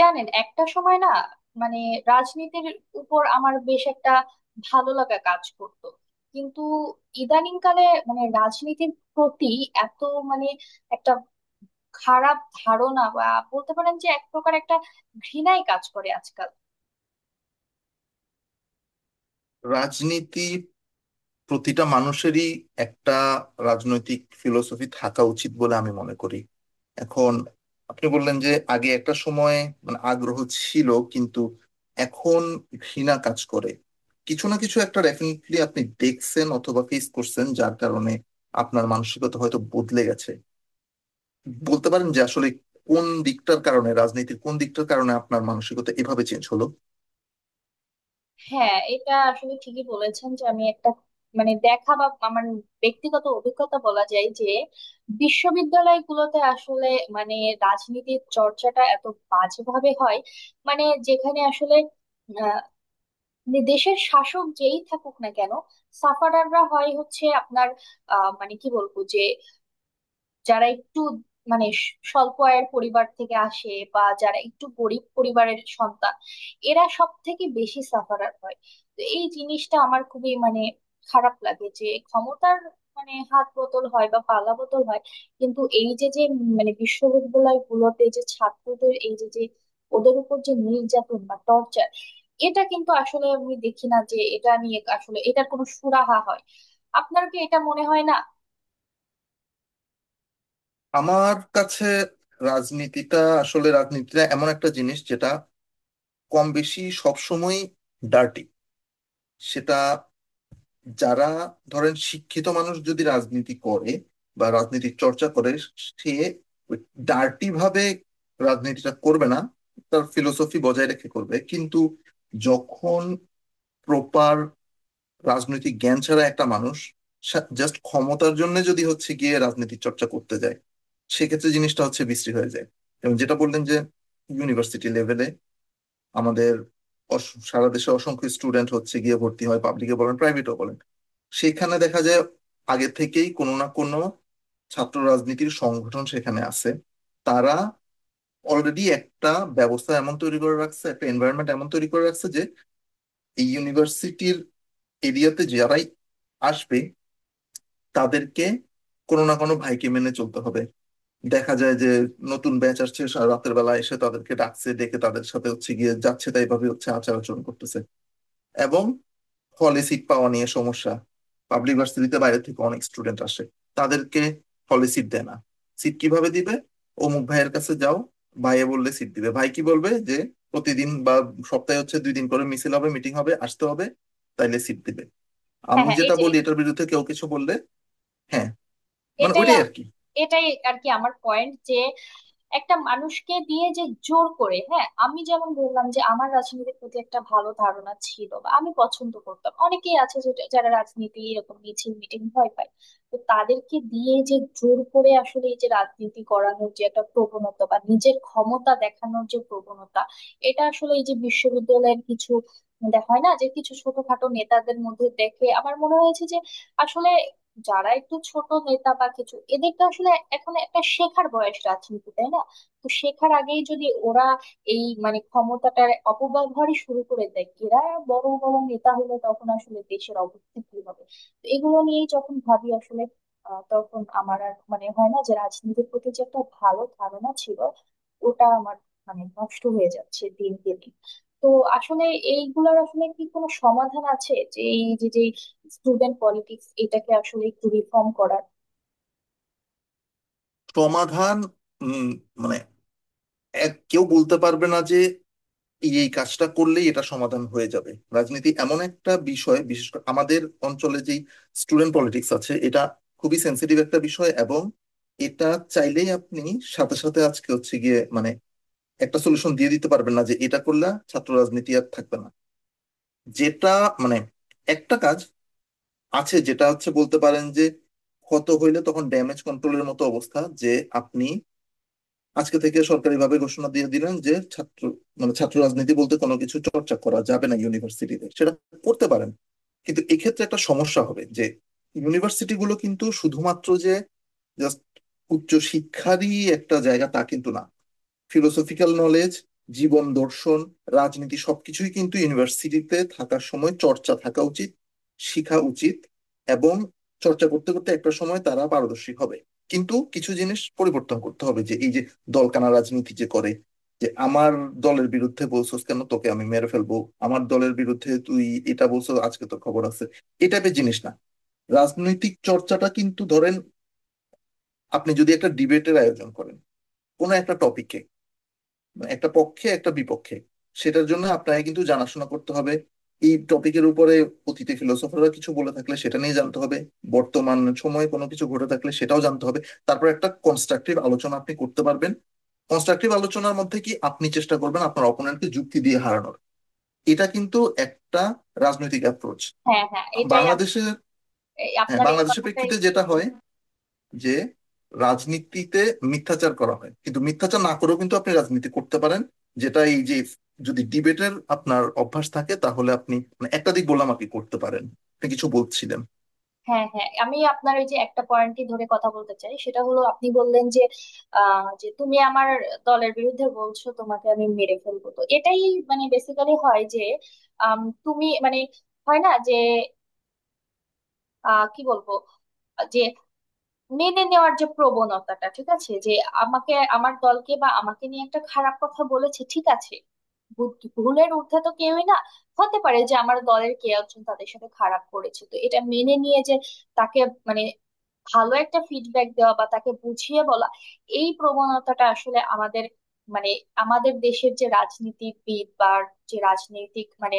জানেন, একটা সময় না মানে রাজনীতির উপর আমার বেশ একটা ভালো লাগা কাজ করতো। কিন্তু ইদানিংকালে মানে রাজনীতির প্রতি এত মানে একটা খারাপ ধারণা বা বলতে পারেন যে এক প্রকার একটা ঘৃণাই কাজ করে আজকাল। রাজনীতি প্রতিটা মানুষেরই একটা রাজনৈতিক ফিলোসফি থাকা উচিত বলে আমি মনে করি। এখন আপনি বললেন যে আগে একটা সময় মানে আগ্রহ ছিল কিন্তু এখন ঘৃণা কাজ করে। কিছু না কিছু একটা ডেফিনেটলি আপনি দেখছেন অথবা ফেস করছেন যার কারণে আপনার মানসিকতা হয়তো বদলে গেছে। বলতে পারেন যে আসলে কোন দিকটার কারণে রাজনীতির কোন দিকটার কারণে আপনার মানসিকতা এভাবে চেঞ্জ হলো? হ্যাঁ, এটা আসলে ঠিকই বলেছেন যে আমি একটা মানে দেখা বা আমার ব্যক্তিগত অভিজ্ঞতা বলা যায় যে বিশ্ববিদ্যালয়গুলোতে আসলে মানে রাজনীতির চর্চাটা এত বাজেভাবে হয়, মানে যেখানে আসলে আহ, মানে দেশের শাসক যেই থাকুক না কেন সাফারাররা হয় হচ্ছে আপনার মানে কি বলবো যে যারা একটু মানে স্বল্প আয়ের পরিবার থেকে আসে বা যারা একটু গরিব পরিবারের সন্তান এরা সব থেকে বেশি সাফারার হয়। তো এই জিনিসটা আমার খুবই মানে খারাপ লাগে যে ক্ষমতার মানে হাত বদল হয় বা পালা বদল হয়, কিন্তু এই যে যে মানে বিশ্ববিদ্যালয় গুলোতে যে ছাত্রদের এই যে যে ওদের উপর যে নির্যাতন বা টর্চার, এটা কিন্তু আসলে আমি দেখি না যে এটা নিয়ে আসলে এটার কোনো সুরাহা হয়। আপনার কি এটা মনে হয় না? আমার কাছে রাজনীতিটা এমন একটা জিনিস যেটা কম বেশি সবসময় ডার্টি। সেটা যারা ধরেন শিক্ষিত মানুষ যদি রাজনীতি করে বা রাজনীতির চর্চা করে, সে ডার্টি ভাবে রাজনীতিটা করবে না, তার ফিলোসফি বজায় রেখে করবে। কিন্তু যখন প্রপার রাজনৈতিক জ্ঞান ছাড়া একটা মানুষ জাস্ট ক্ষমতার জন্য যদি হচ্ছে গিয়ে রাজনীতি চর্চা করতে যায়, সেক্ষেত্রে জিনিসটা হচ্ছে বিশ্রী হয়ে যায়। এবং যেটা বললেন যে ইউনিভার্সিটি লেভেলে আমাদের সারা দেশে অসংখ্য স্টুডেন্ট হচ্ছে গিয়ে ভর্তি হয়, পাবলিকে বলেন প্রাইভেটও বলেন, সেখানে দেখা যায় আগে থেকেই কোনো না কোনো ছাত্র রাজনীতির সংগঠন সেখানে আছে। তারা অলরেডি একটা ব্যবস্থা এমন তৈরি করে রাখছে, একটা এনভায়রনমেন্ট এমন তৈরি করে রাখছে যে এই ইউনিভার্সিটির এরিয়াতে যারাই আসবে তাদেরকে কোনো না কোনো ভাইকে মেনে চলতে হবে। দেখা যায় যে নতুন ব্যাচ আসছে, রাতের বেলা এসে তাদেরকে ডাকছে, ডেকে তাদের সাথে হচ্ছে গিয়ে যাচ্ছে তাই ভাবে হচ্ছে আচার আচরণ করতেছে। এবং হলে সিট পাওয়া নিয়ে সমস্যা, পাবলিক ভার্সিটিতে বাইরে থেকে অনেক স্টুডেন্ট আসে, তাদেরকে হলে সিট দেয় না। সিট কিভাবে দিবে? অমুক ভাইয়ের কাছে যাও, ভাইয়ে বললে সিট দিবে, ভাই কি বলবে যে প্রতিদিন বা সপ্তাহে হচ্ছে দুই দিন করে মিছিল হবে মিটিং হবে আসতে হবে, তাইলে সিট দিবে। হ্যাঁ আমি হ্যাঁ, এই যেটা যে বলি এটার বিরুদ্ধে কেউ কিছু বললে, হ্যাঁ, মানে এটাই ওইটাই আর আম- কি। এটাই আর কি আমার পয়েন্ট, যে একটা মানুষকে দিয়ে যে জোর করে, হ্যাঁ আমি যেমন বললাম যে আমার রাজনীতির প্রতি একটা ভালো ধারণা ছিল বা আমি পছন্দ করতাম, অনেকেই আছে যারা রাজনীতি এরকম মিছিল মিটিং ভয় পায়। তো তাদেরকে দিয়ে যে জোর করে আসলে এই যে রাজনীতি করানোর যে একটা প্রবণতা বা নিজের ক্ষমতা দেখানোর যে প্রবণতা, এটা আসলে এই যে বিশ্ববিদ্যালয়ের কিছু, দেখা হয় না যে কিছু ছোটখাটো নেতাদের মধ্যে দেখে আমার মনে হয়েছে যে আসলে যারা একটু ছোট নেতা বা কিছু এদেরকে আসলে এখন একটা শেখার বয়স রাজনীতি, তাই না? তো শেখার আগেই যদি ওরা এই মানে ক্ষমতাটার অপব্যবহারই শুরু করে দেয়, এরা বড় বড় নেতা হলে তখন আসলে দেশের অবস্থা কি হবে। তো এগুলো নিয়েই যখন ভাবি আসলে তখন আমার আর মানে হয় না যে রাজনীতির প্রতি যে একটা ভালো ধারণা ছিল, ওটা আমার মানে নষ্ট হয়ে যাচ্ছে দিন দিন। তো আসলে এইগুলার আসলে কি কোনো সমাধান আছে যে এই যে যে স্টুডেন্ট পলিটিক্স এটাকে আসলে একটু রিফর্ম করার? সমাধান, উম, মানে এক কেউ বলতে পারবে না যে এই এই কাজটা করলেই এটা সমাধান হয়ে যাবে। রাজনীতি এমন একটা বিষয় বিশেষ করে আমাদের অঞ্চলে যেই স্টুডেন্ট পলিটিক্স আছে, এটা খুবই সেন্সিটিভ একটা বিষয়। এবং এটা চাইলেই আপনি সাথে সাথে আজকে হচ্ছে গিয়ে মানে একটা সলিউশন দিয়ে দিতে পারবেন না যে এটা করলে ছাত্র রাজনীতি আর থাকবে না। যেটা মানে একটা কাজ আছে, যেটা হচ্ছে বলতে পারেন যে ক্ষত হইলে তখন ড্যামেজ কন্ট্রোলের মতো অবস্থা, যে আপনি আজকে থেকে সরকারিভাবে ঘোষণা দিয়ে দিলেন যে ছাত্র মানে ছাত্র রাজনীতি বলতে কোনো কিছু চর্চা করা যাবে না ইউনিভার্সিটিতে, সেটা করতে পারেন। কিন্তু এক্ষেত্রে একটা সমস্যা হবে যে ইউনিভার্সিটি গুলো কিন্তু শুধুমাত্র যে জাস্ট উচ্চ শিক্ষারই একটা জায়গা তা কিন্তু না। ফিলোসফিক্যাল নলেজ, জীবন দর্শন, রাজনীতি সবকিছুই কিন্তু ইউনিভার্সিটিতে থাকার সময় চর্চা থাকা উচিত, শেখা উচিত। এবং চর্চা করতে করতে একটা সময় তারা পারদর্শী হবে। কিন্তু কিছু জিনিস পরিবর্তন করতে হবে, যে এই যে দলকানা রাজনীতি যে করে, যে আমার দলের বিরুদ্ধে বলছস কেন, তোকে আমি মেরে ফেলবো, আমার দলের বিরুদ্ধে তুই এটা বলছো আজকে তোর খবর আছে, এই টাইপের জিনিস না। রাজনৈতিক চর্চাটা কিন্তু ধরেন আপনি যদি একটা ডিবেটের আয়োজন করেন কোনো একটা টপিকে, একটা পক্ষে একটা বিপক্ষে, সেটার জন্য আপনাকে কিন্তু জানাশোনা করতে হবে এই টপিকের উপরে। অতীতে ফিলোসফাররা কিছু বলে থাকলে সেটা নিয়ে জানতে হবে, বর্তমান সময়ে কোনো কিছু ঘটে থাকলে সেটাও জানতে হবে। তারপর একটা কনস্ট্রাকটিভ আলোচনা আপনি করতে পারবেন। কনস্ট্রাকটিভ আলোচনার মধ্যে কি আপনি চেষ্টা করবেন আপনার অপোনেন্টকে যুক্তি দিয়ে হারানোর, এটা কিন্তু একটা রাজনৈতিক অ্যাপ্রোচ। হ্যাঁ হ্যাঁ, এটাই আমি বাংলাদেশের, এই হ্যাঁ, আপনার এই বাংলাদেশের কথাটাই। প্রেক্ষিতে যেটা হয় যে রাজনীতিতে মিথ্যাচার করা হয়, কিন্তু মিথ্যাচার না করেও কিন্তু আপনি রাজনীতি করতে পারেন। যেটা এই যে যদি ডিবেটের আপনার অভ্যাস থাকে তাহলে আপনি মানে একাধিক বললাম আপনি করতে পারেন। আপনি কিছু বলছিলেন। হ্যাঁ হ্যাঁ, আমি আপনার ওই যে একটা পয়েন্টই ধরে কথা বলতে চাই, সেটা হলো আপনি বললেন যে যে তুমি আমার দলের বিরুদ্ধে বলছো তোমাকে আমি মেরে ফেলবো, তো এটাই মানে বেসিক্যালি হয় যে তুমি মানে, হয় না যে কি বলবো যে মেনে নেওয়ার যে প্রবণতাটা ঠিক আছে, যে আমাকে আমার দলকে বা আমাকে নিয়ে একটা খারাপ কথা বলেছে, ঠিক আছে, ভুলের ঊর্ধ্বে তো কেউই না। হতে পারে যে আমার দলের কে একজন তাদের সাথে খারাপ করেছে, তো এটা মেনে নিয়ে যে তাকে মানে ভালো একটা ফিডব্যাক দেওয়া বা তাকে বুঝিয়ে বলা, এই প্রবণতাটা আসলে আমাদের মানে আমাদের দেশের যে রাজনীতিবিদ বা যে রাজনৈতিক মানে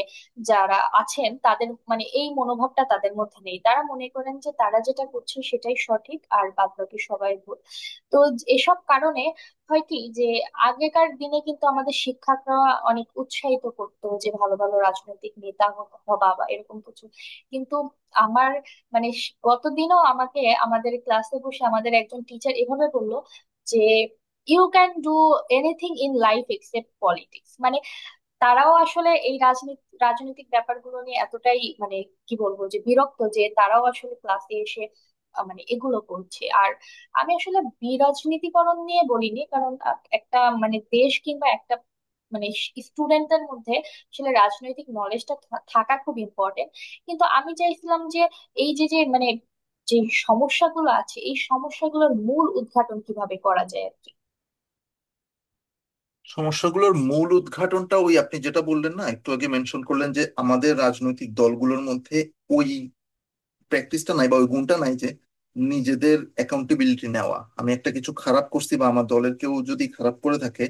যারা আছেন, তাদের মানে এই মনোভাবটা তাদের মধ্যে নেই। তারা মনে করেন যে তারা যেটা করছে সেটাই সঠিক আর বাদবাকি সবাই ভুল। তো এসব কারণে হয় কি যে আগেকার দিনে কিন্তু আমাদের শিক্ষকরা অনেক উৎসাহিত করতো যে ভালো ভালো রাজনৈতিক নেতা হবা বা এরকম কিছু। কিন্তু আমার মানে গতদিনও আমাকে আমাদের ক্লাসে বসে আমাদের একজন টিচার এভাবে বললো যে you can do anything in life except politics, মানে তারাও আসলে এই রাজনীতি রাজনৈতিক ব্যাপারগুলো নিয়ে এতটাই মানে কি বলবো যে বিরক্ত যে তারাও আসলে ক্লাসে এসে মানে এগুলো করছে। আর আমি আসলে বিরাজনীতিকরণ নিয়ে বলিনি, কারণ একটা মানে দেশ কিংবা একটা মানে স্টুডেন্টদের মধ্যে আসলে রাজনৈতিক নলেজটা থাকা খুব ইম্পর্টেন্ট। কিন্তু আমি চাইছিলাম যে এই যে যে মানে যে সমস্যাগুলো আছে এই সমস্যাগুলোর মূল উদ্ঘাটন কিভাবে করা যায় আর কি। সমস্যাগুলোর মূল উদ্ঘাটনটা ওই আপনি যেটা বললেন না একটু আগে মেনশন করলেন যে আমাদের রাজনৈতিক দলগুলোর মধ্যে ওই প্র্যাকটিসটা নাই বা ওই গুণটা নাই, যে নিজেদের অ্যাকাউন্টেবিলিটি নেওয়া। আমি একটা কিছু খারাপ করছি বা আমার দলের কেউ যদি খারাপ করে থাকে,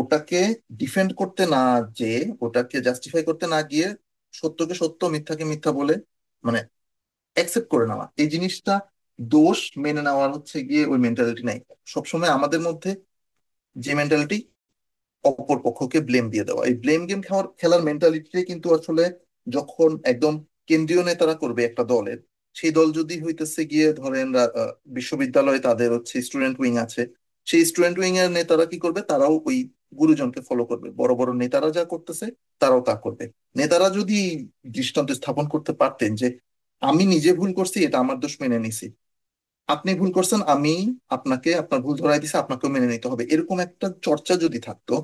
ওটাকে ডিফেন্ড করতে না, যে ওটাকে জাস্টিফাই করতে না গিয়ে সত্যকে সত্য মিথ্যাকে মিথ্যা বলে মানে অ্যাকসেপ্ট করে নেওয়া, এই জিনিসটা, দোষ মেনে নেওয়ার হচ্ছে গিয়ে ওই মেন্টালিটি নাই সবসময় আমাদের মধ্যে। যে মেন্টালিটি অপর পক্ষকে ব্লেম দিয়ে দেওয়া, এই ব্লেম গেম খেলার খেলার মেন্টালিটিটাই কিন্তু আসলে, যখন একদম কেন্দ্রীয় নেতারা করবে একটা দলের, সেই দল যদি হইতেছে গিয়ে ধরেন বিশ্ববিদ্যালয়ে তাদের হচ্ছে স্টুডেন্ট উইং আছে, সেই স্টুডেন্ট উইং এর নেতারা কি করবে, তারাও ওই গুরুজনকে ফলো করবে। বড় বড় নেতারা যা করতেছে তারাও তা করবে। নেতারা যদি দৃষ্টান্ত স্থাপন করতে পারতেন যে আমি নিজে ভুল করছি এটা আমার দোষ মেনে নিছি, আপনি ভুল করছেন আমি আপনাকে আপনার ভুল ধরাই দিছি আপনাকেও মেনে নিতে হবে, এরকম একটা চর্চা যদি থাকতো,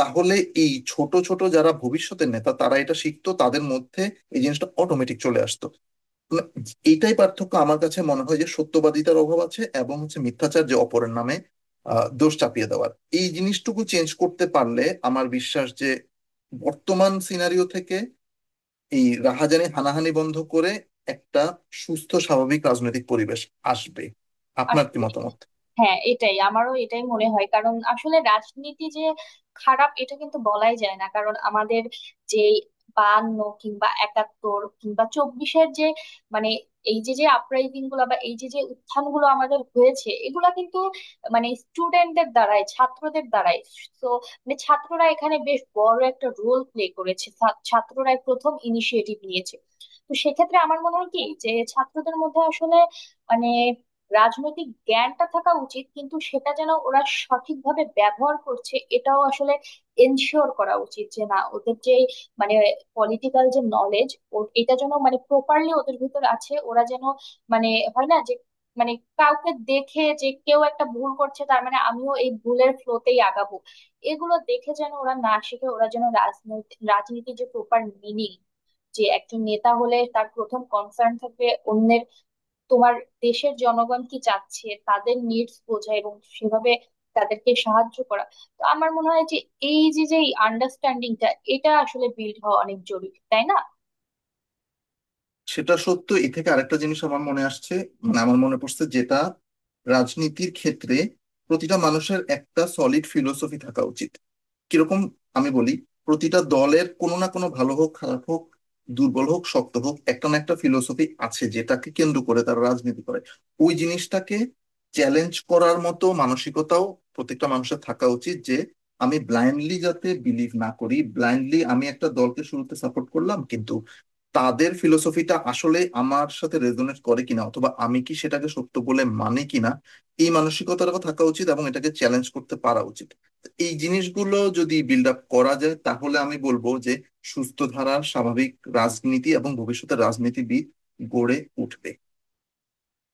তাহলে এই ছোট ছোট যারা ভবিষ্যতের নেতা তারা এটা শিখতো, তাদের মধ্যে এই জিনিসটা অটোমেটিক চলে আসতো। মানে এইটাই পার্থক্য আমার কাছে মনে হয়, যে সত্যবাদিতার অভাব আছে এবং হচ্ছে মিথ্যাচার যে অপরের নামে দোষ চাপিয়ে দেওয়ার, এই জিনিসটুকু চেঞ্জ করতে পারলে আমার বিশ্বাস যে বর্তমান সিনারিও থেকে এই রাহাজানি হানাহানি বন্ধ করে একটা সুস্থ স্বাভাবিক রাজনৈতিক পরিবেশ আসবে। আপনার কি আসলে, মতামত? হ্যাঁ এটাই আমারও এটাই মনে হয়, কারণ আসলে রাজনীতি যে খারাপ এটা কিন্তু বলাই যায় না, কারণ আমাদের যে বায়ান্ন কিংবা একাত্তর কিংবা চব্বিশের যে মানে এই যে যে আপরাইজিং গুলো বা এই যে যে উত্থান গুলো আমাদের হয়েছে, এগুলা কিন্তু মানে স্টুডেন্টদের দ্বারাই, ছাত্রদের দ্বারাই। তো মানে ছাত্ররা এখানে বেশ বড় একটা রোল প্লে করেছে, ছাত্ররাই প্রথম ইনিশিয়েটিভ নিয়েছে। তো সেক্ষেত্রে আমার মনে হয় কি যে ছাত্রদের মধ্যে আসলে মানে রাজনৈতিক জ্ঞানটা থাকা উচিত, কিন্তু সেটা যেন ওরা সঠিকভাবে ব্যবহার করছে, এটাও আসলে এনশিওর করা উচিত। যে না, ওদের যে মানে পলিটিক্যাল যে নলেজ এটা যেন মানে প্রপারলি ওদের ভিতর আছে, ওরা যেন মানে হয় না যে মানে কাউকে দেখে যে কেউ একটা ভুল করছে তার মানে আমিও এই ভুলের ফ্লোতেই আগাবো। এগুলো দেখে যেন ওরা না শিখে, ওরা যেন রাজনৈতিক রাজনীতির যে প্রপার মিনিং, যে একজন নেতা হলে তার প্রথম কনসার্ন থাকবে অন্যের, তোমার দেশের জনগণ কি চাচ্ছে তাদের নিডস বোঝা এবং সেভাবে তাদেরকে সাহায্য করা। তো আমার মনে হয় যে এই যে যে আন্ডারস্ট্যান্ডিংটা, এটা আসলে বিল্ড হওয়া অনেক জরুরি, তাই না? সেটা সত্য, এ থেকে আরেকটা জিনিস আমার মনে আসছে, মানে আমার মনে পড়ছে, যেটা রাজনীতির ক্ষেত্রে প্রতিটা মানুষের একটা সলিড ফিলোসফি থাকা উচিত। কিরকম? আমি বলি, প্রতিটা দলের কোনো না কোনো ভালো হোক খারাপ হোক, দুর্বল হোক শক্ত হোক, একটা না একটা ফিলোসফি আছে যেটাকে কেন্দ্র করে তারা রাজনীতি করে। ওই জিনিসটাকে চ্যালেঞ্জ করার মতো মানসিকতাও প্রত্যেকটা মানুষের থাকা উচিত, যে আমি ব্লাইন্ডলি যাতে বিলিভ না করি। ব্লাইন্ডলি আমি একটা দলকে শুরুতে সাপোর্ট করলাম কিন্তু তাদের ফিলোসফিটা আসলে আমার সাথে রেজোনেট করে কিনা অথবা আমি কি সেটাকে সত্য বলে মানে কিনা, এই মানসিকতাটাও থাকা উচিত এবং এটাকে চ্যালেঞ্জ করতে পারা উচিত। তো এই জিনিসগুলো যদি বিল্ড আপ করা যায় তাহলে আমি বলবো যে সুস্থ ধারার স্বাভাবিক রাজনীতি এবং ভবিষ্যতে রাজনীতিবিদ গড়ে উঠবে।